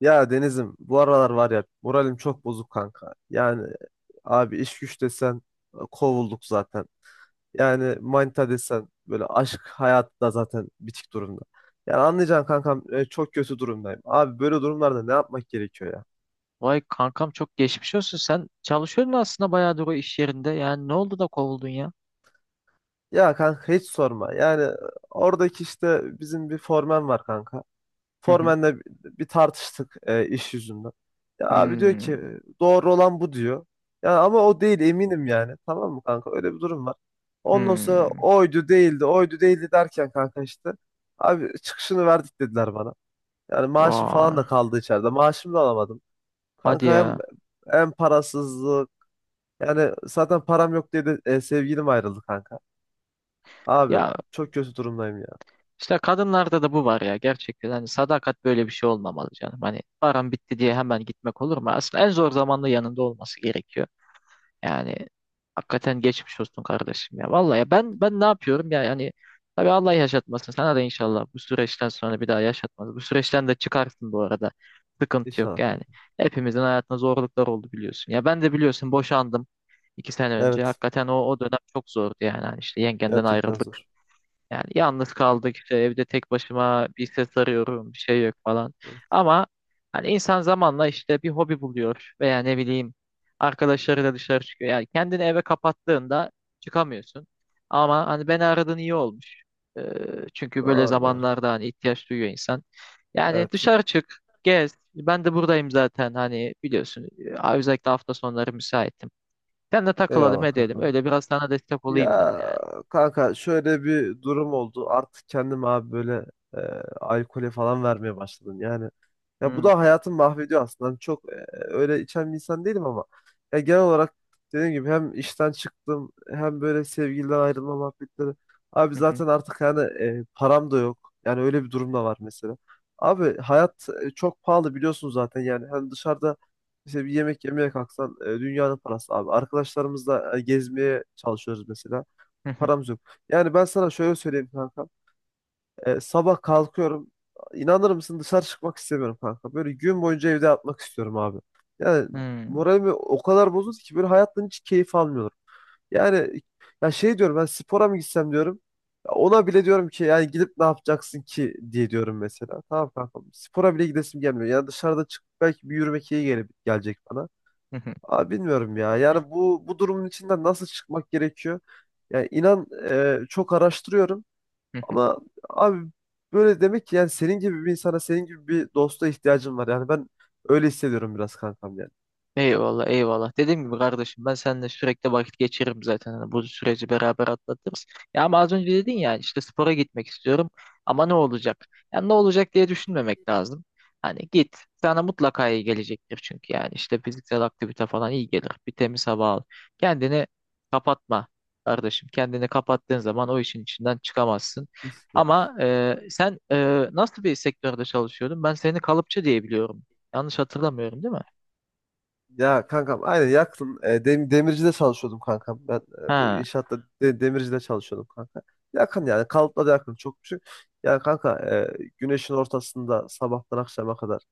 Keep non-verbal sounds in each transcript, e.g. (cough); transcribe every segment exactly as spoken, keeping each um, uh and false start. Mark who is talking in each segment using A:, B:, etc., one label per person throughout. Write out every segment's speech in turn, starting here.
A: Ya Deniz'im bu aralar var ya moralim çok bozuk kanka. Yani abi iş güç desen e, kovulduk zaten. Yani manita desen böyle aşk hayatı da zaten bitik durumda. Yani anlayacaksın kankam e, çok kötü durumdayım. Abi böyle durumlarda ne yapmak gerekiyor ya?
B: Vay kankam çok geçmiş olsun. Sen çalışıyordun aslında bayağıdır o iş yerinde. Yani ne oldu da kovuldun ya?
A: Ya kanka hiç sorma. Yani e, oradaki işte bizim bir formen var kanka.
B: Hı hı.
A: Formen'le bir tartıştık e, iş yüzünden. Ya abi diyor
B: Hmm,
A: ki doğru olan bu diyor. Ya ama o değil eminim yani. Tamam mı kanka? Öyle bir durum var. Ondan sonra
B: hmm.
A: oydu değildi, oydu değildi derken kanka işte. Abi çıkışını verdik dediler bana. Yani maaşım falan
B: Vay,
A: da kaldı içeride. Maaşımı da alamadım.
B: hadi
A: Kanka hem
B: ya.
A: hem parasızlık. Yani zaten param yok diye de e, sevgilim ayrıldı kanka. Abi
B: Ya
A: çok kötü durumdayım ya.
B: işte kadınlarda da bu var ya gerçekten. Hani sadakat böyle bir şey olmamalı canım. Hani param bitti diye hemen gitmek olur mu? Aslında en zor zamanda yanında olması gerekiyor. Yani hakikaten geçmiş olsun kardeşim ya. Vallahi ya ben ben ne yapıyorum ya yani tabii Allah yaşatmasın. Sana da inşallah bu süreçten sonra bir daha yaşatmaz. Bu süreçten de çıkarsın bu arada. Sıkıntı yok
A: İnşallah
B: yani.
A: kanka.
B: Hepimizin hayatında zorluklar oldu biliyorsun. Ya ben de biliyorsun boşandım iki sene önce.
A: Evet.
B: Hakikaten o, o dönem çok zordu yani. Hani işte yengenden
A: Gerçekten
B: ayrıldık.
A: zor.
B: Yani yalnız kaldık işte evde tek başıma bir ses arıyorum bir şey yok falan.
A: Evet.
B: Ama hani insan zamanla işte bir hobi buluyor veya ne bileyim arkadaşlarıyla dışarı çıkıyor. Yani kendini eve kapattığında çıkamıyorsun. Ama hani beni aradığın iyi olmuş. Ee, Çünkü böyle
A: Doğru doğru.
B: zamanlarda hani ihtiyaç duyuyor insan. Yani
A: Evet.
B: dışarı çık, gez. Ben de buradayım zaten hani biliyorsun. Ee, Özellikle hafta sonları müsaitim. Sen de takılalım
A: Eyvallah
B: edelim.
A: kanka.
B: Öyle biraz sana destek olayım ben
A: Ya
B: yani.
A: kanka şöyle bir durum oldu. Artık kendim abi böyle e, alkole falan vermeye başladım. Yani ya bu
B: Hmm.
A: da hayatımı mahvediyor aslında. Hani çok e, öyle içen bir insan değilim ama ya genel olarak dediğim gibi hem işten çıktım hem böyle sevgiliden ayrılma muhabbetleri. Abi zaten artık yani e, param da yok. Yani öyle bir durum da var mesela. Abi hayat e, çok pahalı biliyorsun zaten yani. Hani dışarıda işte bir yemek yemeye kalksan e, dünyanın parası abi. Arkadaşlarımızla e, gezmeye çalışıyoruz mesela.
B: (laughs)
A: Paramız yok. Yani ben sana şöyle söyleyeyim kanka. E, sabah kalkıyorum. İnanır mısın dışarı çıkmak istemiyorum kanka. Böyle gün boyunca evde yatmak istiyorum abi. Yani
B: Hmm,
A: moralimi o kadar bozuldu ki böyle hayattan hiç keyif almıyorum. Yani ya şey diyorum ben spora mı gitsem diyorum. Ya ona bile diyorum ki yani gidip ne yapacaksın ki diye diyorum mesela. Tamam kanka spora bile gidesim gelmiyor. Yani dışarıda çıkıp belki bir yürümek iyi gele- gelecek bana.
B: (laughs) Hı hı.
A: Abi bilmiyorum ya. Yani bu bu durumun içinden nasıl çıkmak gerekiyor? Yani inan e, çok araştırıyorum.
B: Hı hı.
A: Ama abi böyle demek ki yani senin gibi bir insana, senin gibi bir dosta ihtiyacım var. Yani ben öyle hissediyorum biraz kankam yani.
B: Eyvallah eyvallah. Dediğim gibi kardeşim ben seninle sürekli vakit geçiririm zaten. Hani bu süreci beraber atlatırız. Ya ama az önce dedin ya işte spora gitmek istiyorum ama ne olacak? Yani ne olacak diye düşünmemek lazım. Hani git sana mutlaka iyi gelecektir çünkü yani işte fiziksel aktivite falan iyi gelir. Bir temiz hava al. Kendini kapatma kardeşim. Kendini kapattığın zaman o işin içinden çıkamazsın.
A: Kesinlikle.
B: Ama e, sen e, nasıl bir sektörde çalışıyordun? Ben seni kalıpçı diye biliyorum. Yanlış hatırlamıyorum değil mi?
A: Ya kankam aynen yakın. E, dem- demircide çalışıyordum kankam. Ben e, bu
B: Ha.
A: inşaatta de- demircide çalışıyordum kanka. Yakın yani kalıpla da yakın çok küçük. Yani kanka e, güneşin ortasında sabahtan akşama kadar.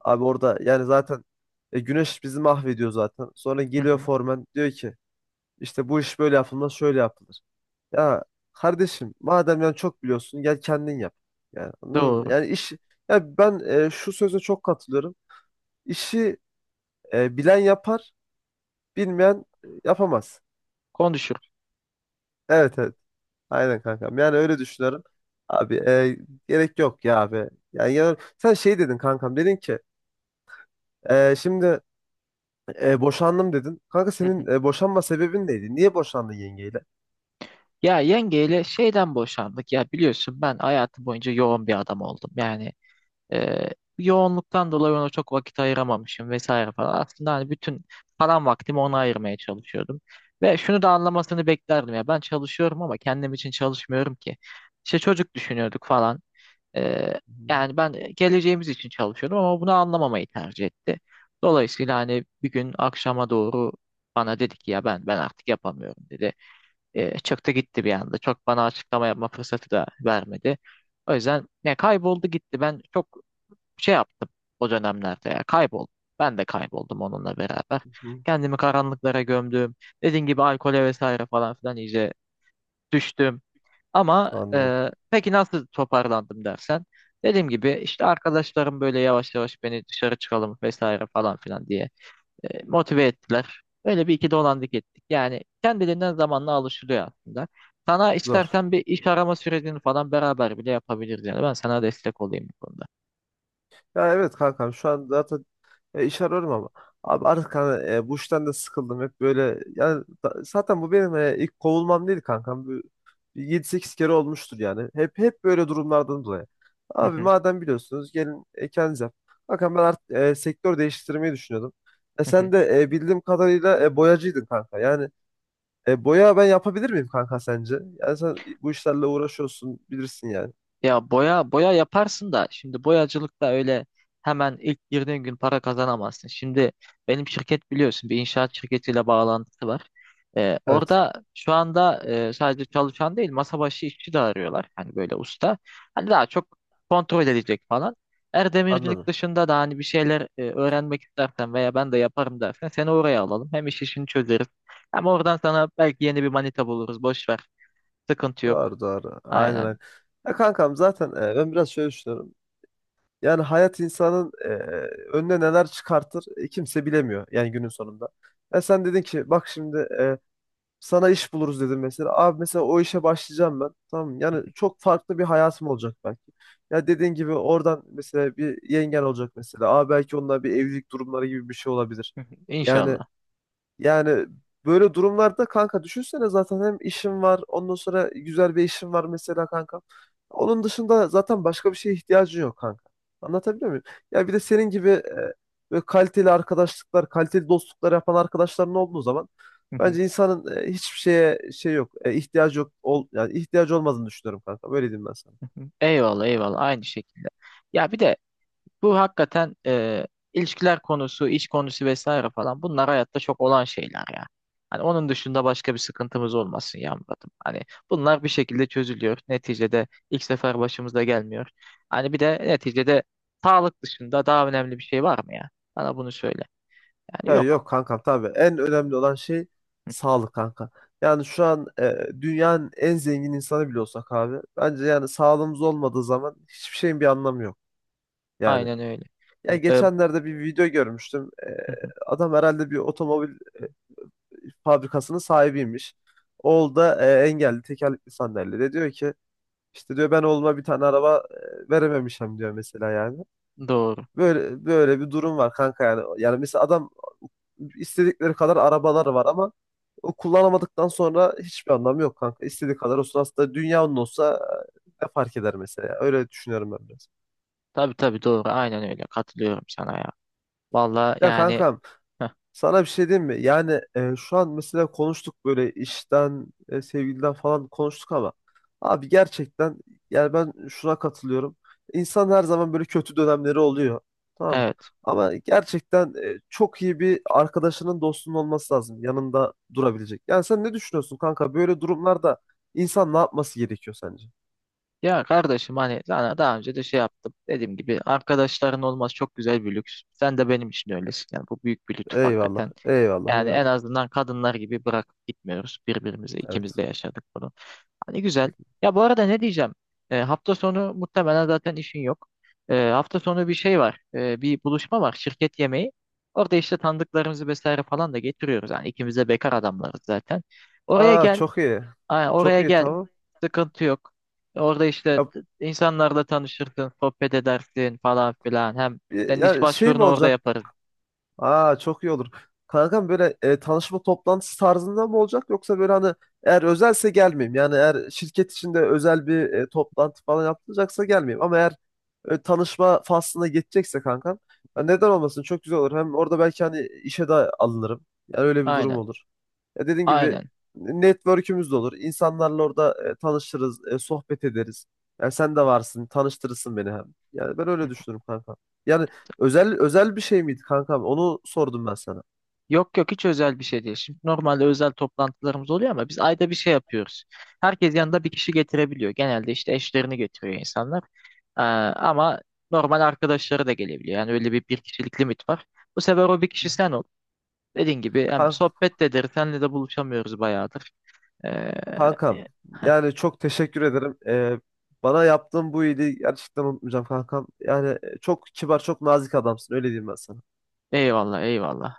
A: Abi orada yani zaten e, güneş bizi mahvediyor zaten. Sonra
B: Hı
A: geliyor
B: hı,
A: formen diyor ki işte bu iş böyle yapılmaz şöyle yapılır. Ya kardeşim madem yani çok biliyorsun gel kendin yap. Yani anladın mı?
B: doğru.
A: Yani iş ya ben e, şu söze çok katılıyorum. İşi e, bilen yapar, bilmeyen e, yapamaz.
B: Konuşurum.
A: Evet evet. Aynen kankam. Yani öyle düşünüyorum. Abi e, Gerek yok ya abi. Yani, ya- sen şey dedin kankam dedin ki e, şimdi E, boşandım dedin. Kanka
B: Hı hı.
A: senin e, boşanma sebebin neydi? Niye boşandın yengeyle?
B: Ya yengeyle şeyden boşandık. Ya biliyorsun ben hayatım boyunca yoğun bir adam oldum. Yani e, yoğunluktan dolayı ona çok vakit ayıramamışım vesaire falan. Aslında hani bütün falan vaktimi ona ayırmaya çalışıyordum. Ve şunu da anlamasını beklerdim ya. Ben çalışıyorum ama kendim için çalışmıyorum ki. İşte çocuk düşünüyorduk falan. Ee, Yani ben geleceğimiz için çalışıyordum ama bunu anlamamayı tercih etti. Dolayısıyla hani bir gün akşama doğru bana dedi ki ya ben ben artık yapamıyorum dedi. Ee, çıktı gitti bir anda. Çok bana açıklama yapma fırsatı da vermedi. O yüzden ne kayboldu gitti. Ben çok şey yaptım o dönemlerde ya kayboldum. Ben de kayboldum onunla beraber.
A: Hı hı.
B: Kendimi karanlıklara gömdüm. Dediğim gibi alkole vesaire falan filan iyice düştüm. Ama
A: Anladım.
B: e, peki nasıl toparlandım dersen. Dediğim gibi işte arkadaşlarım böyle yavaş yavaş beni dışarı çıkalım vesaire falan filan diye e, motive ettiler. Öyle bir iki dolandık ettik. Yani kendiliğinden zamanla alışılıyor aslında. Sana
A: Zor.
B: istersen bir iş arama sürecini falan beraber bile yapabiliriz yani. Ben sana destek olayım bu konuda.
A: Ya evet kankam şu an zaten E, iş arıyorum ama. Abi artık hani, e, bu işten de sıkıldım hep böyle. Yani da- zaten bu benim e, ilk kovulmam değil kankam. Bu- Bir yedi sekiz kere olmuştur yani. Hep hep böyle durumlardan dolayı.
B: Hı
A: Abi
B: hı.
A: madem biliyorsunuz gelin e, kendiniz yapın. Bakın ben artık e, sektör değiştirmeyi düşünüyordum. E,
B: hı hı.
A: sen de e, bildiğim kadarıyla e, boyacıydın kanka. Yani e, boya ben yapabilir miyim kanka sence? Yani sen bu işlerle uğraşıyorsun bilirsin yani.
B: Ya boya boya yaparsın da şimdi boyacılıkta öyle hemen ilk girdiğin gün para kazanamazsın. Şimdi benim şirket biliyorsun bir inşaat şirketiyle bağlantısı var. Ee,
A: Evet
B: orada şu anda e, sadece çalışan değil masa başı işçi de arıyorlar. Hani böyle usta. Hani daha çok kontrol edecek falan. Eğer demircilik
A: anladım.
B: dışında da hani bir şeyler e, öğrenmek istersen veya ben de yaparım dersen seni oraya alalım. Hem iş işini çözeriz. Hem oradan sana belki yeni bir manita buluruz. Boş ver. Sıkıntı yok.
A: Doğru doğru. Aynen
B: Aynen.
A: aynen. Ya kankam zaten e, ben biraz şöyle düşünüyorum. Yani hayat insanın e, önüne neler çıkartır e, kimse bilemiyor yani günün sonunda. Ya sen dedin ki bak şimdi e, sana iş buluruz dedim mesela. Abi mesela o işe başlayacağım ben. Tamam mı? Yani çok farklı bir hayatım olacak belki. Ya dediğin gibi oradan mesela bir yengen olacak mesela. Abi belki onunla bir evlilik durumları gibi bir şey olabilir.
B: (laughs)
A: Yani
B: İnşallah.
A: yani böyle durumlarda kanka düşünsene zaten hem işim var ondan sonra güzel bir işim var mesela kanka. Onun dışında zaten başka bir şeye ihtiyacın yok kanka. Anlatabiliyor muyum? Ya bir de senin gibi e, böyle kaliteli arkadaşlıklar, kaliteli dostluklar yapan arkadaşların olduğu zaman bence
B: (laughs)
A: insanın e, hiçbir şeye şey yok, e, ihtiyacı yok, ol, yani ihtiyacı olmadığını düşünüyorum kanka. Böyle diyeyim ben sana.
B: (laughs) Eyvallah eyvallah aynı şekilde. Ya bir de bu hakikaten e, ilişkiler konusu, iş konusu vesaire falan bunlar hayatta çok olan şeyler ya. Hani onun dışında başka bir sıkıntımız olmasın ya Murat'ım. Hani bunlar bir şekilde çözülüyor. Neticede ilk sefer başımıza gelmiyor. Hani bir de neticede sağlık dışında daha önemli bir şey var mı ya? Bana bunu söyle. Yani
A: Ya
B: yok.
A: yok kankam tabii. En önemli olan şey sağlık kanka. Yani şu an e, dünyanın en zengin insanı bile olsak abi. Bence yani sağlığımız olmadığı zaman hiçbir şeyin bir anlamı yok. Yani
B: Aynen öyle.
A: ya
B: E, hı
A: geçenlerde bir video görmüştüm. E,
B: hı,
A: adam herhalde bir otomobil e, fabrikasının sahibiymiş. Oğul da e, engelli tekerlekli sandalyede. Diyor ki işte diyor ben oğluma bir tane araba e, verememişim diyor mesela yani.
B: doğru.
A: Böyle böyle bir durum var kanka yani. Yani mesela adam istedikleri kadar arabalar var ama o kullanamadıktan sonra hiçbir anlamı yok kanka. İstediği kadar olsun aslında dünyanın olsa e, ne fark eder mesela. Öyle düşünüyorum ben biraz.
B: Tabii tabii doğru. Aynen öyle. Katılıyorum sana ya. Vallahi
A: Ya
B: yani
A: kankam
B: heh,
A: sana bir şey diyeyim mi? Yani e, şu an mesela konuştuk böyle işten, e, sevgiliden falan konuştuk ama abi gerçekten yani ben şuna katılıyorum. İnsan her zaman böyle kötü dönemleri oluyor. Tamam.
B: evet.
A: Ama gerçekten e, çok iyi bir arkadaşının dostunun olması lazım. Yanında durabilecek. Yani sen ne düşünüyorsun kanka? Böyle durumlarda insan ne yapması gerekiyor sence?
B: Ya kardeşim hani sana daha önce de şey yaptım. Dediğim gibi arkadaşların olması çok güzel bir lüks. Sen de benim için öylesin. Yani bu büyük bir lütuf
A: Eyvallah.
B: hakikaten.
A: Eyvallah.
B: Yani en
A: Eyvallah.
B: azından kadınlar gibi bırakıp gitmiyoruz birbirimizi. İkimiz
A: Evet.
B: de yaşadık bunu. Hani güzel. Ya bu arada ne diyeceğim? E, hafta sonu muhtemelen zaten işin yok. E, hafta sonu bir şey var. E, bir buluşma var. Şirket yemeği. Orada işte tanıdıklarımızı vesaire falan da getiriyoruz. Yani ikimiz de bekar adamlarız zaten. Oraya
A: Aa
B: gel.
A: çok iyi.
B: Aynen,
A: Çok
B: oraya
A: iyi
B: gel.
A: tamam.
B: Sıkıntı yok. Orada işte t- insanlarla tanışırsın, sohbet edersin falan filan. Hem
A: Ya,
B: senin iş
A: ya şey mi
B: başvurunu orada
A: olacak?
B: yaparız.
A: Aa çok iyi olur. Kankam böyle e, tanışma toplantısı tarzında mı olacak yoksa böyle hani eğer özelse gelmeyeyim. Yani eğer şirket içinde özel bir e, toplantı falan yapılacaksa gelmeyeyim. Ama eğer e, tanışma faslına geçecekse kankam ya neden olmasın çok güzel olur. Hem orada belki hani işe de alınırım. Yani öyle bir durum
B: Aynen.
A: olur. Ya dediğim gibi
B: Aynen.
A: network'ümüz de olur. İnsanlarla orada e, tanışırız, e, sohbet ederiz. Yani sen de varsın, tanıştırırsın beni hem. Yani ben öyle düşünürüm kanka. Yani Özel özel bir şey miydi kankam? Onu sordum ben sana.
B: Yok yok hiç özel bir şey değil. Şimdi normalde özel toplantılarımız oluyor ama biz ayda bir şey yapıyoruz. Herkes yanında bir kişi getirebiliyor. Genelde işte eşlerini getiriyor insanlar. Ee, ama normal arkadaşları da gelebiliyor. Yani öyle bir bir kişilik limit var. Bu sefer o bir
A: Hı
B: kişi
A: hı.
B: sen ol. Dediğin gibi hem
A: Kan-
B: sohbet de ederiz. Senle de buluşamıyoruz bayağıdır. Ee,
A: Kankam,
B: (laughs)
A: yani çok teşekkür ederim. Ee, bana yaptığın bu iyiliği gerçekten unutmayacağım kankam. Yani e, çok kibar, çok nazik adamsın. Öyle diyeyim ben sana.
B: Eyvallah eyvallah.